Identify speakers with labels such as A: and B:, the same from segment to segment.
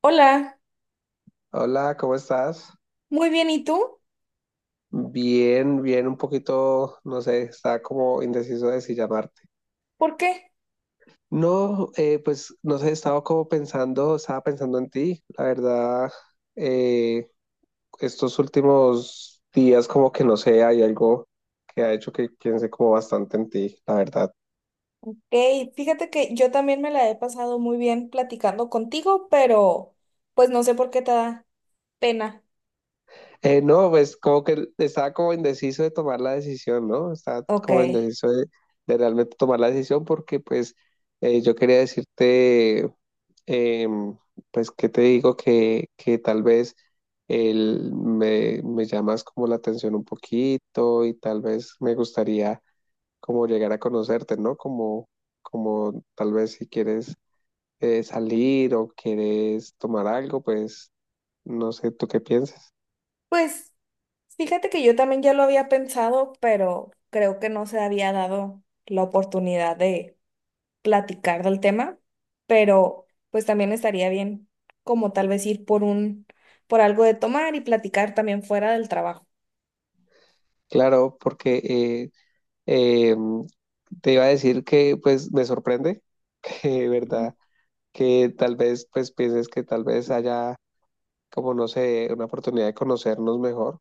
A: Hola,
B: Hola, ¿cómo estás?
A: muy bien, ¿y tú?
B: Bien, bien, un poquito, no sé, estaba como indeciso de si llamarte.
A: ¿Por qué?
B: No, pues no sé, estaba como pensando, estaba pensando en ti. La verdad, eh, estos últimos días como que no sé, hay algo que ha hecho que piense como bastante en ti, la verdad.
A: Ok, fíjate que yo también me la he pasado muy bien platicando contigo, pero pues no sé por qué te da pena.
B: No, pues como que estaba como indeciso de tomar la decisión, ¿no? Estaba
A: Ok,
B: como indeciso de realmente tomar la decisión porque pues yo quería decirte... eh, pues, ¿qué te digo? Que tal vez me llamas como la atención un poquito y tal vez me gustaría como llegar a conocerte, ¿no? Como, como tal vez si quieres salir o quieres tomar algo, pues no sé, ¿tú qué piensas?
A: pues fíjate que yo también ya lo había pensado, pero creo que no se había dado la oportunidad de platicar del tema, pero pues también estaría bien como tal vez ir por un, por algo de tomar y platicar también fuera del trabajo.
B: Claro, porque eh, te iba a decir que pues me sorprende, que, ¿verdad? Que tal vez pues pienses que tal vez haya como no sé, una oportunidad de conocernos mejor,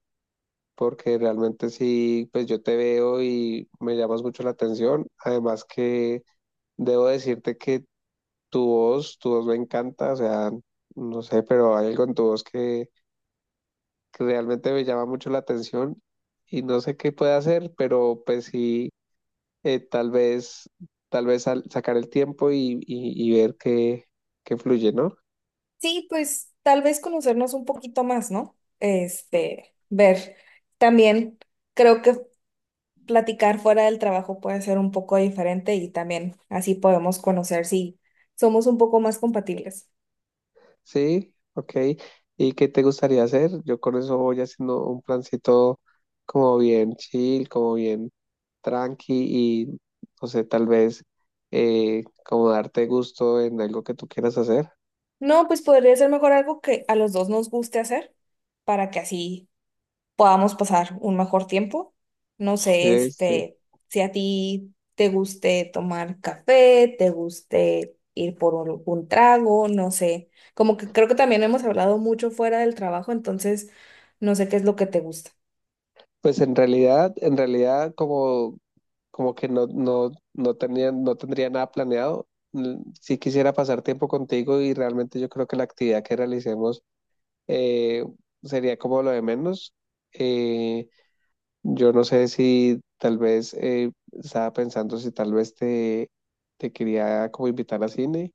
B: porque realmente sí, pues yo te veo y me llamas mucho la atención. Además que debo decirte que tu voz me encanta, o sea, no sé, pero hay algo en tu voz que realmente me llama mucho la atención y no sé qué puede hacer, pero pues sí, eh, tal vez, tal vez sacar el tiempo y ver qué, qué fluye, ¿no?
A: Sí, pues tal vez conocernos un poquito más, ¿no? Este, ver. También creo que platicar fuera del trabajo puede ser un poco diferente y también así podemos conocer si somos un poco más compatibles.
B: Sí, ok. ¿Y qué te gustaría hacer? Yo con eso voy haciendo un plancito como bien chill, como bien tranqui y no sé, tal vez como darte gusto en algo que tú quieras hacer.
A: No, pues podría ser mejor algo que a los dos nos guste hacer para que así podamos pasar un mejor tiempo. No sé,
B: Oye, sí.
A: este, si a ti te guste tomar café, te guste ir por un trago, no sé. Como que creo que también hemos hablado mucho fuera del trabajo, entonces no sé qué es lo que te gusta.
B: Pues en realidad como, como que no, no tenía, no tendría nada planeado. Sí quisiera pasar tiempo contigo y realmente yo creo que la actividad que realicemos eh, sería como lo de menos. Eh, Yo no sé si tal vez estaba pensando si tal vez te quería como invitar a cine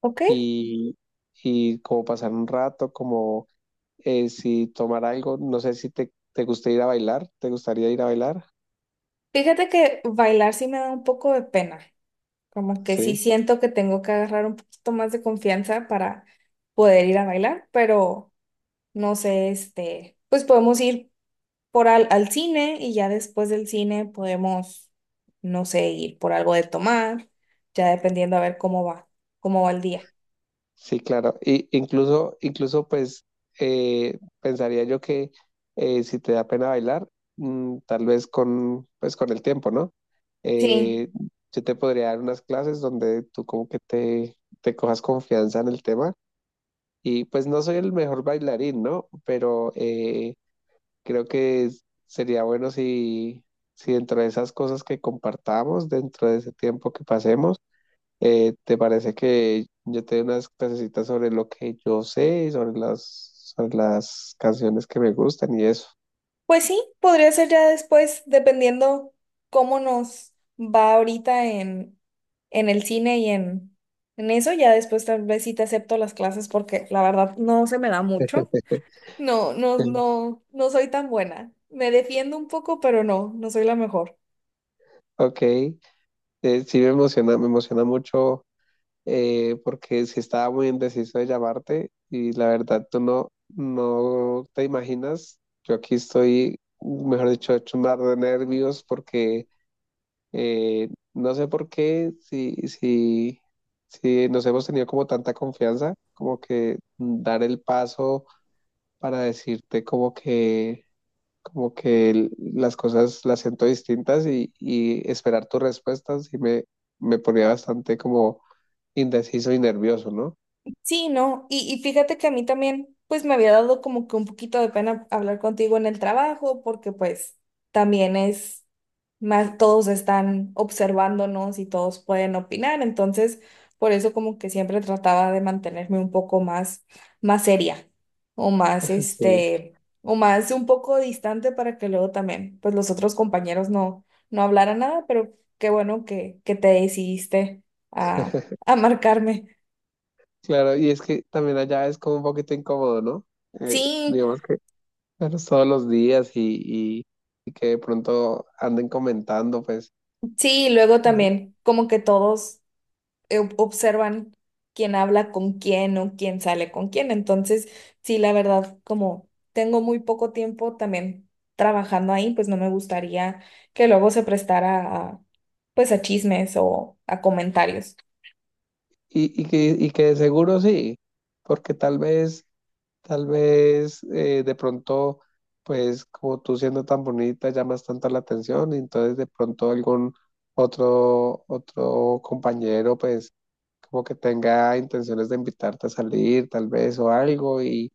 A: ¿Ok?
B: y, y como pasar un rato, como si tomar algo, no sé si te gusta ir a bailar, ¿te gustaría ir a bailar?
A: Fíjate que bailar sí me da un poco de pena. Como que sí
B: Sí.
A: siento que tengo que agarrar un poquito más de confianza para poder ir a bailar, pero no sé, este, pues podemos ir por al, al cine y ya después del cine podemos, no sé, ir por algo de tomar, ya dependiendo a ver cómo va el día.
B: Sí, claro. Y incluso, incluso pues pensaría yo que si te da pena bailar, mm, tal vez con, pues, con el tiempo, ¿no?
A: Sí,
B: Eh, yo te podría dar unas clases donde tú como que te cojas confianza en el tema. Y pues no soy el mejor bailarín, ¿no? Pero creo que sería bueno si, si dentro de esas cosas que compartamos, dentro de ese tiempo que pasemos, ¿te parece que yo te dé unas clasecitas sobre lo que yo sé, y sobre las canciones que me gustan y eso?
A: pues sí, podría ser ya después, dependiendo cómo nos va ahorita en el cine y en eso, ya después tal vez sí te acepto las clases porque la verdad no se me da mucho. No, no,
B: Em,
A: no, no soy tan buena. Me defiendo un poco, pero no, no soy la mejor.
B: Ok, sí me emociona mucho porque sí estaba muy indeciso de llamarte y la verdad tú no, no te imaginas, yo aquí estoy, mejor dicho, hecho un mar de nervios porque no sé por qué, si nos hemos tenido como tanta confianza, como que dar el paso para decirte como que las cosas las siento distintas y esperar tus respuestas me ponía bastante como indeciso y nervioso, ¿no?
A: Sí, no, y fíjate que a mí también, pues me había dado como que un poquito de pena hablar contigo en el trabajo, porque pues también es más, todos están observándonos y todos pueden opinar, entonces por eso como que siempre trataba de mantenerme un poco más, más seria o más,
B: Sí.
A: este, o más un poco distante para que luego también, pues los otros compañeros no, no hablaran nada, pero qué bueno que te decidiste a, a marcarme.
B: Claro, y es que también allá es como un poquito incómodo, ¿no?
A: Sí,
B: Digamos que verlos todos los días y que de pronto anden comentando, pues.
A: sí, y luego
B: ¿No?
A: también como que todos observan quién habla con quién o quién sale con quién. Entonces, sí, la verdad, como tengo muy poco tiempo también trabajando ahí, pues no me gustaría que luego se prestara a, pues a chismes o a comentarios.
B: Y que de seguro sí, porque tal vez de pronto, pues como tú siendo tan bonita llamas tanto la atención, y entonces de pronto algún otro, otro compañero, pues como que tenga intenciones de invitarte a salir, tal vez, o algo,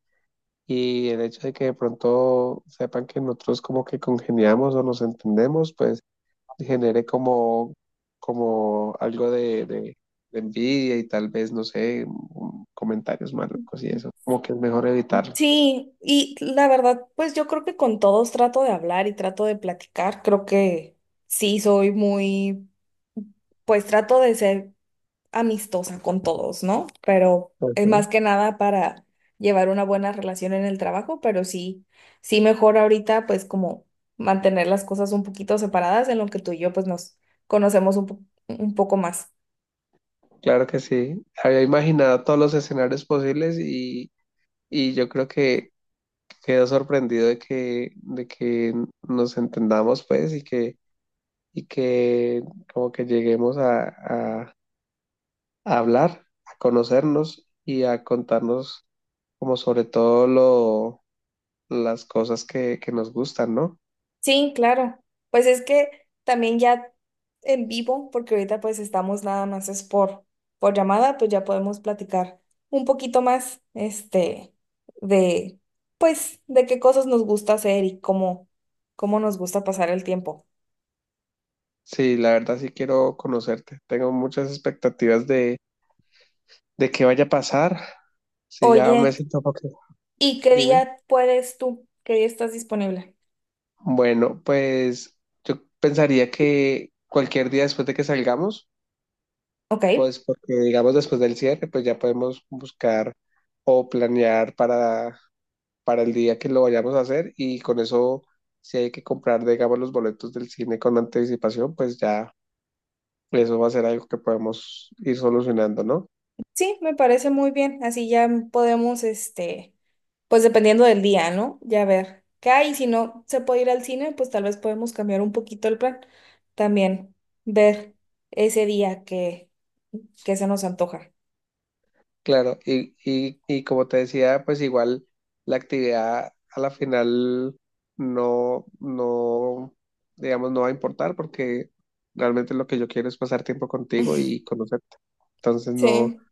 B: y el hecho de que de pronto sepan que nosotros como que congeniamos o nos entendemos, pues genere como, como algo de envidia y tal vez, no sé, comentarios malucos y eso, como que es mejor evitarlos.
A: Sí, y la verdad, pues yo creo que con todos trato de hablar y trato de platicar. Creo que sí soy muy, pues trato de ser amistosa con todos, ¿no? Pero es
B: Ujú.
A: más que nada para llevar una buena relación en el trabajo, pero sí, sí mejor ahorita pues como mantener las cosas un poquito separadas en lo que tú y yo pues nos conocemos un poco más.
B: Claro que sí, había imaginado todos los escenarios posibles y yo creo que quedo sorprendido de que nos entendamos pues y que como que lleguemos a- a hablar, a conocernos y a contarnos como sobre todo lo las cosas que nos gustan, ¿no?
A: Sí, claro. Pues es que también ya en vivo, porque ahorita pues estamos nada más es por llamada, pues ya podemos platicar un poquito más, este, de, pues, de qué cosas nos gusta hacer y cómo, cómo nos gusta pasar el tiempo.
B: Sí, la verdad sí quiero conocerte. Tengo muchas expectativas de qué vaya a pasar. Sí, ya me
A: Oye,
B: siento un poco.
A: ¿y qué
B: Dime.
A: día puedes tú? ¿Qué día estás disponible?
B: Bueno, pues yo pensaría que cualquier día después de que salgamos,
A: Ok.
B: pues porque digamos después del cierre, pues ya podemos buscar o planear para el día que lo vayamos a hacer y con eso, si hay que comprar, digamos, los boletos del cine con anticipación, pues ya eso va a ser algo que podemos ir solucionando, ¿no?
A: Sí, me parece muy bien. Así ya podemos, este, pues dependiendo del día, ¿no? Ya ver qué hay. Si no se puede ir al cine, pues tal vez podemos cambiar un poquito el plan. También ver ese día que se nos antoja.
B: Claro, y como te decía, pues igual la actividad a la final no, no, digamos, no va a importar porque realmente lo que yo quiero es pasar tiempo contigo y conocerte. Entonces no,
A: Sí.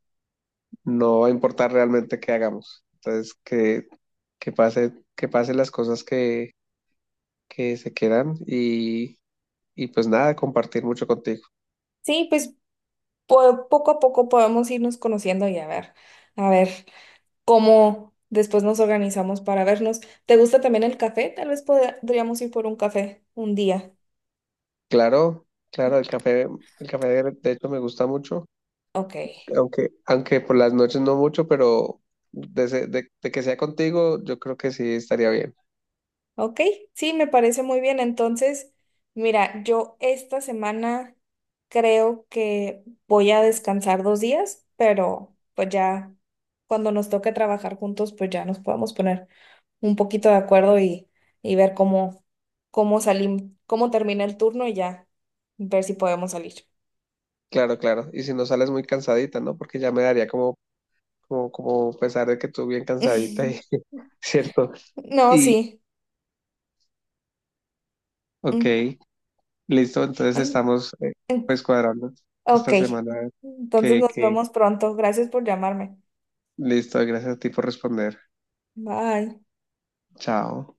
B: no va a importar realmente qué hagamos. Entonces que pase, que pasen las cosas que se quedan y pues nada, compartir mucho contigo.
A: Sí, pues poco a poco podemos irnos conociendo y a ver cómo después nos organizamos para vernos. ¿Te gusta también el café? Tal vez podríamos ir por un café un día.
B: Claro, claro, el café de hecho me gusta mucho,
A: Ok.
B: aunque, aunque por las noches no mucho, pero de que sea contigo, yo creo que sí estaría bien.
A: Ok, sí, me parece muy bien. Entonces, mira, yo esta semana creo que voy a descansar 2 días, pero pues ya cuando nos toque trabajar juntos, pues ya nos podemos poner un poquito de acuerdo y ver cómo, cómo salimos, cómo termina el turno y ya ver si podemos salir.
B: Claro, claro. Y si no sales muy cansadita, ¿no? Porque ya me daría como, como pesar de que tú bien cansadita y cierto.
A: No,
B: Y
A: sí.
B: ok,
A: Mm,
B: listo, entonces
A: mm,
B: estamos
A: mm,
B: pues cuadrando
A: Ok,
B: esta semana
A: entonces nos
B: que
A: vemos pronto. Gracias por llamarme.
B: listo, gracias a ti por responder.
A: Bye.
B: Chao.